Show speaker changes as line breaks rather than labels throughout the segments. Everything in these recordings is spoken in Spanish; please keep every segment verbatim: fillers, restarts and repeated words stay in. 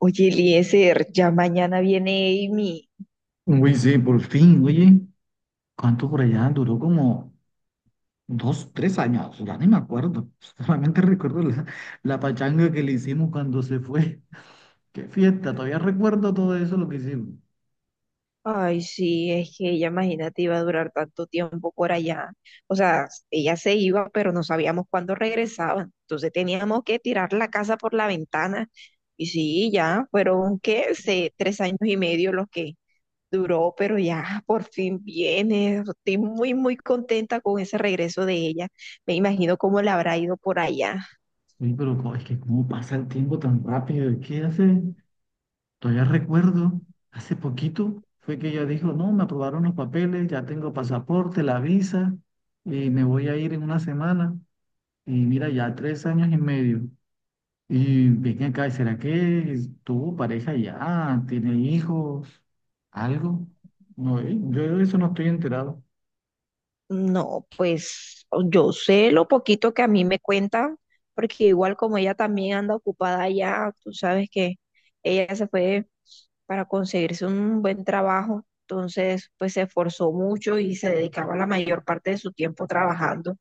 Oye, Eliezer, ya mañana viene Amy.
Uy, sí, por fin, oye, ¿cuánto por allá? Duró como dos, tres años, ya ni me acuerdo. Solamente recuerdo la, la pachanga que le hicimos cuando se fue. Qué fiesta, todavía recuerdo todo eso lo que hicimos.
Ay, sí, es que ella, imagínate, iba a durar tanto tiempo por allá. O sea, ella se iba, pero no sabíamos cuándo regresaban. Entonces teníamos que tirar la casa por la ventana. Y sí, ya fueron, ¿qué? Se- tres años y medio los que duró, pero ya por fin viene. Estoy muy, muy contenta con ese regreso de ella. Me imagino cómo le habrá ido por allá.
Uy, pero co- es que cómo pasa el tiempo tan rápido, es que hace, todavía recuerdo, hace poquito fue que ella dijo, no, me aprobaron los papeles, ya tengo pasaporte, la visa, y me voy a ir en una semana. Y mira, ya tres años y medio. Y ven acá, ¿será que tuvo pareja ya? ¿Tiene hijos? ¿Algo? No, eh, yo de eso no estoy enterado.
No, pues yo sé lo poquito que a mí me cuentan, porque igual como ella también anda ocupada allá, tú sabes que ella se fue para conseguirse un buen trabajo, entonces pues se esforzó mucho y se dedicaba la mayor parte de su tiempo trabajando.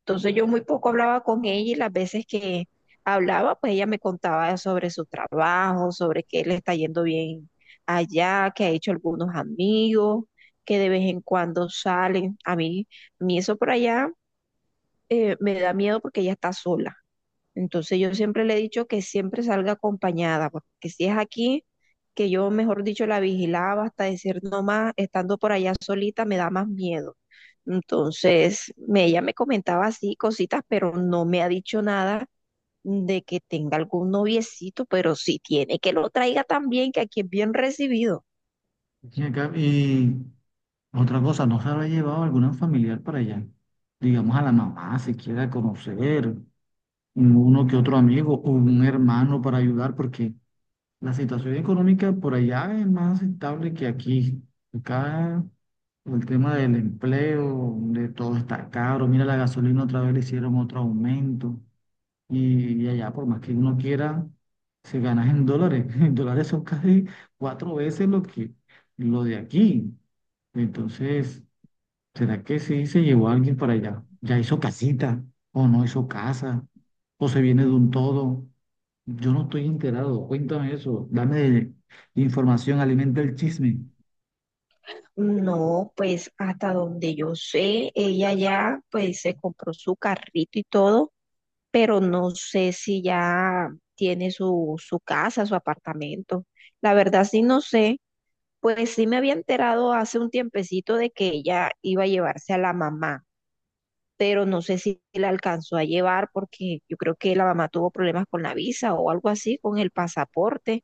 Entonces yo muy poco hablaba con ella y las veces que hablaba, pues ella me contaba sobre su trabajo, sobre que le está yendo bien allá, que ha hecho algunos amigos, que de vez en cuando salen. A mí, a mí eso por allá eh, me da miedo porque ella está sola. Entonces yo siempre le he dicho que siempre salga acompañada, porque si es aquí, que yo, mejor dicho, la vigilaba hasta decir no más, estando por allá solita me da más miedo. Entonces, me- ella me comentaba así cositas, pero no me ha dicho nada de que tenga algún noviecito, pero si tiene, que lo traiga también, que aquí es bien recibido.
Ven acá, y otra cosa, ¿no se habrá llevado algún familiar para allá? Digamos a la mamá, si quiera conocer, uno que otro amigo o un hermano para ayudar, porque la situación económica por allá es más estable que aquí. Acá el tema del empleo, de todo está caro. Mira, la gasolina otra vez le hicieron otro aumento. Y, y allá, por más que uno quiera, se gana en dólares. En dólares son casi cuatro veces lo que lo de aquí. Entonces, ¿será que sí se llevó a alguien para allá? ¿Ya hizo casita? ¿O no hizo casa? ¿O se viene de un todo? Yo no estoy enterado. Cuéntame eso. Dame información, alimenta el chisme.
No, pues hasta donde yo sé, ella ya pues se compró su carrito y todo, pero no sé si ya tiene su, su casa, su apartamento. La verdad sí no sé, pues sí me había enterado hace un tiempecito de que ella iba a llevarse a la mamá, pero no sé si la alcanzó a llevar porque yo creo que la mamá tuvo problemas con la visa o algo así, con el pasaporte.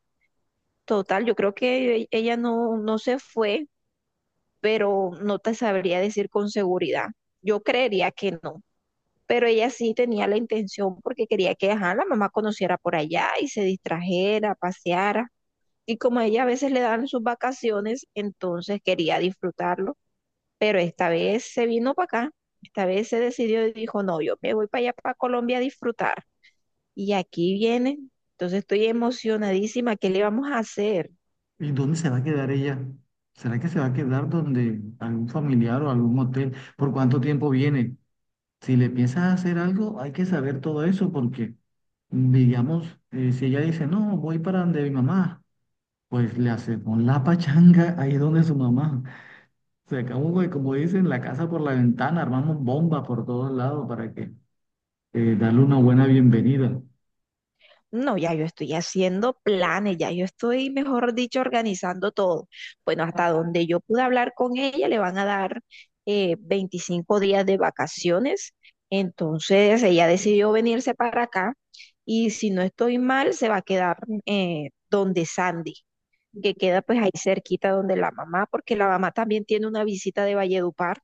Total, yo creo que e- ella no, no se fue pero no te sabría decir con seguridad. Yo creería que no, pero ella sí tenía la intención porque quería que ajá, la mamá conociera por allá y se distrajera, paseara. Y como a ella a veces le dan sus vacaciones, entonces quería disfrutarlo, pero esta vez se vino para acá, esta vez se decidió y dijo, no, yo me voy para allá, para Colombia a disfrutar. Y aquí viene, entonces estoy emocionadísima, ¿qué le vamos a hacer?
¿Y dónde se va a quedar ella? ¿Será que se va a quedar donde algún familiar o algún hotel? ¿Por cuánto tiempo viene? Si le piensas a hacer algo, hay que saber todo eso porque, digamos, eh, si ella dice, no, voy para donde mi mamá, pues le hacemos la pachanga ahí donde su mamá. Sacamos, de, como dicen, la casa por la ventana, armamos bomba por todos lados para que eh, darle una buena bienvenida.
No, ya yo estoy haciendo planes, ya yo estoy, mejor dicho, organizando todo. Bueno, hasta donde yo pude hablar con ella, le van a dar eh, veinticinco días de vacaciones. Entonces, ella decidió venirse para acá y si no estoy mal, se va a quedar eh, donde Sandy, que queda pues ahí cerquita donde la mamá, porque la mamá también tiene una visita de Valledupar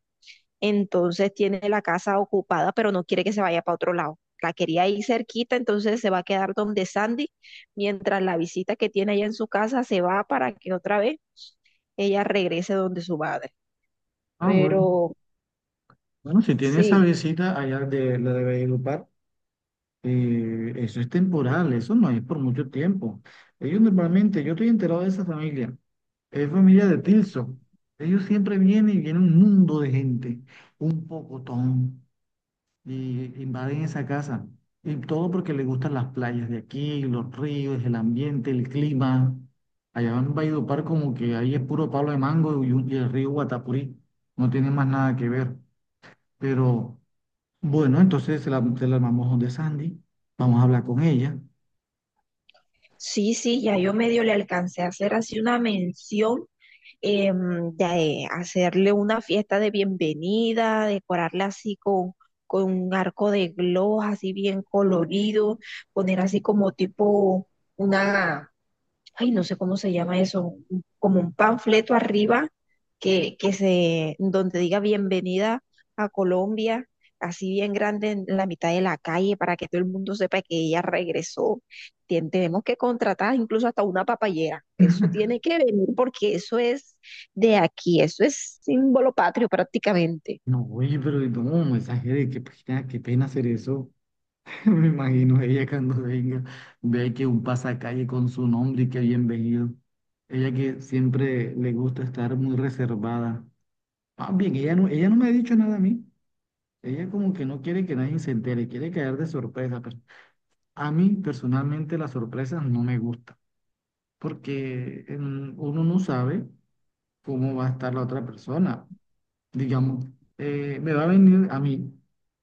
entonces tiene la casa ocupada, pero no quiere que se vaya para otro lado. La quería ir cerquita, entonces se va a quedar donde Sandy, mientras la visita que tiene allá en su casa se va para que otra vez ella regrese donde su madre.
Ah, bueno.
Pero
Bueno, si tiene esa
sí,
visita allá de la de Valledupar, eh, eso es temporal, eso no es por mucho tiempo. Ellos normalmente, yo estoy enterado de esa familia. Es familia de Tilson. Ellos siempre vienen y viene un mundo de gente, un pocotón, y invaden esa casa. Y todo porque les gustan las playas de aquí, los ríos, el ambiente, el clima. Allá en Valledupar como que ahí es puro palo de mango y, un- y el río Guatapurí. No tiene más nada que ver. Pero bueno, entonces se la, se la armamos donde Sandy. Vamos a hablar con ella.
sí, sí, ya yo medio le alcancé a hacer así una mención em, de hacerle una fiesta de bienvenida, decorarla así con, con un arco de gloss así bien colorido, poner así como tipo una, ay, no sé cómo se llama eso, un- como un panfleto arriba que, que se, donde diga bienvenida a Colombia, así bien grande en la mitad de la calle para que todo el mundo sepa que ella regresó. Tien- tenemos que contratar incluso hasta una papayera. Eso tiene que venir porque eso es de aquí, eso es símbolo patrio prácticamente.
No, oye, pero no, mensaje de qué pena, qué pena hacer eso. Me imagino ella cuando venga, ve que un pasacalle con su nombre y que bienvenido. Ella que siempre le gusta estar muy reservada. Más bien, ella no, ella no me ha dicho nada a mí. Ella como que no quiere que nadie se entere, quiere caer de sorpresa. Pero a mí personalmente las sorpresas no me gustan, porque en- uno no sabe cómo va a estar la otra persona digamos, eh, me va a venir a mí,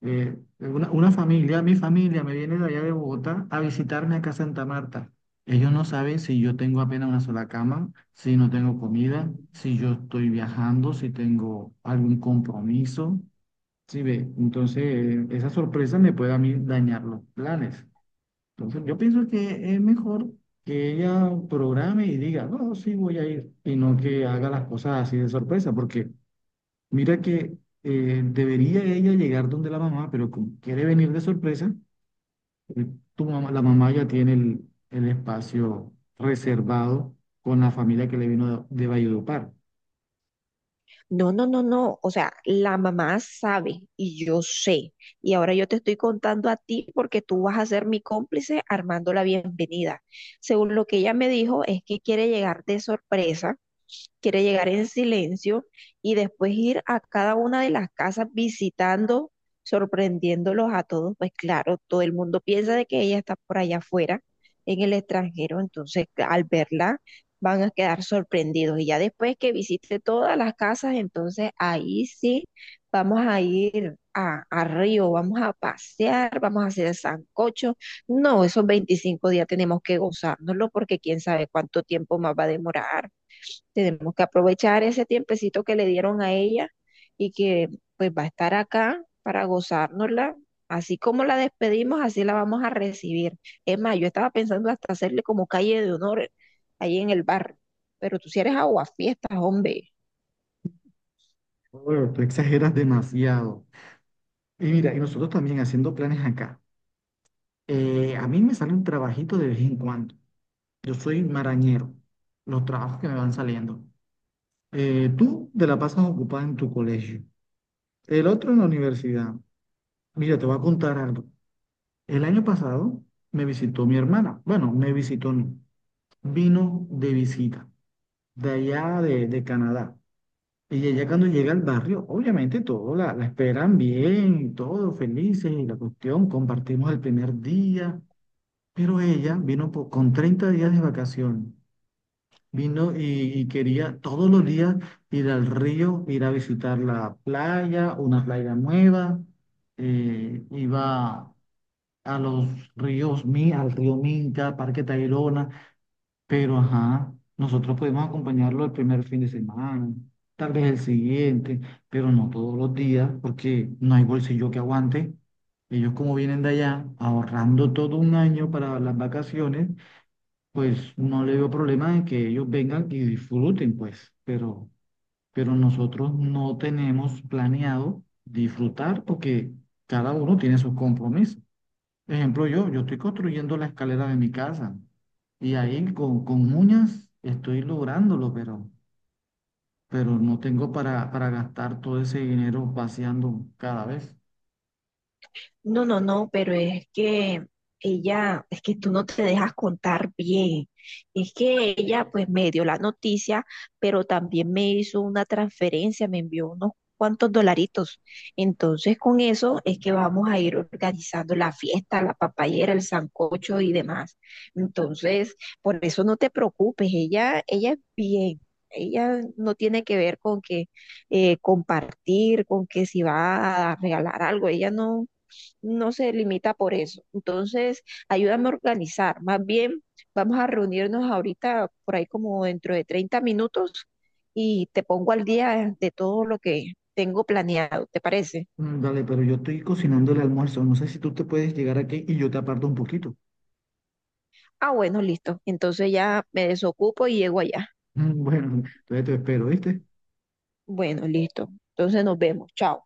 eh, una, una familia, mi familia me viene de allá de Bogotá a visitarme acá a Santa Marta. Ellos no saben si yo tengo apenas una sola cama, si no tengo comida, si yo estoy viajando, si tengo algún compromiso. Sí, ve, entonces eh, esa sorpresa me puede a mí dañar los planes. Entonces yo pienso que es mejor que ella programe y diga, no, sí voy a ir, y no que haga las cosas así de sorpresa, porque mira que eh, debería ella llegar donde la mamá, pero como quiere venir de sorpresa, eh, tu mamá, la mamá ya tiene el, el espacio reservado con la familia que le vino de, de Valledupar.
No, no, no, no. O sea, la mamá sabe y yo sé. Y ahora yo te estoy contando a ti porque tú vas a ser mi cómplice armando la bienvenida. Según lo que ella me dijo, es que quiere llegar de sorpresa, quiere llegar en silencio y después ir a cada una de las casas visitando, sorprendiéndolos a todos. Pues claro, todo el mundo piensa de que ella está por allá afuera, en el extranjero. Entonces, al verla van a quedar sorprendidos. Y ya después que visite todas las casas, entonces ahí sí vamos a ir a, a Río, vamos a pasear, vamos a hacer sancocho. No, esos veinticinco días tenemos que gozárnoslo porque quién sabe cuánto tiempo más va a demorar. Tenemos que aprovechar ese tiempecito que le dieron a ella y que pues va a estar acá para gozárnosla. Así como la despedimos, así la vamos a recibir. Es más, yo estaba pensando hasta hacerle como calle de honor ahí en el bar, pero tú si eres aguafiestas, hombre.
Bueno, tú exageras demasiado. Y mira, y nosotros también haciendo planes acá. Eh, a mí me sale un trabajito de vez en cuando. Yo soy marañero, los trabajos que me van saliendo. Eh, tú te la pasas ocupada en tu colegio, el otro en la universidad. Mira, te voy a contar algo. El año pasado me visitó mi hermana. Bueno, me visitó, no. Vino de visita, de allá de, de Canadá. Y ella cuando llega al barrio, obviamente todos la, la esperan bien, todos felices y la cuestión, compartimos el primer día. Pero ella vino po- con treinta días de vacación. Vino y, y quería todos los días ir al río, ir a visitar la playa, una playa nueva. Eh, iba a los ríos Mi, al río Minca, Parque Tayrona, pero ajá, nosotros podemos acompañarlo el primer fin de semana, tal vez el siguiente, pero no todos los días, porque no hay bolsillo que aguante. Ellos como vienen de allá ahorrando todo un año para las vacaciones, pues no le veo problema en que ellos vengan y disfruten, pues, pero, pero nosotros no tenemos planeado disfrutar porque cada uno tiene sus compromisos. Ejemplo, yo, yo estoy construyendo la escalera de mi casa y ahí con, con uñas estoy lográndolo, pero, pero no tengo para, para gastar todo ese dinero vaciando cada vez.
No, no, no, pero es que ella, es que tú no te dejas contar bien. Es que ella pues me dio la noticia, pero también me hizo una transferencia, me envió unos cuantos dolaritos. Entonces con eso es que vamos a ir organizando la fiesta, la papayera, el sancocho y demás. Entonces, por eso no te preocupes, ella, ella es bien. Ella no tiene que ver con que eh, compartir, con que si va a regalar algo, ella no, no se limita por eso. Entonces, ayúdame a organizar. Más bien, vamos a reunirnos ahorita por ahí como dentro de treinta minutos y te pongo al día de todo lo que tengo planeado, ¿te parece?
Mm, dale, pero yo estoy cocinando el almuerzo. No sé si tú te puedes llegar aquí y yo te aparto un poquito.
Ah, bueno, listo. Entonces ya me desocupo y llego allá.
Bueno, entonces te espero, ¿viste?
Bueno, listo. Entonces nos vemos. Chao.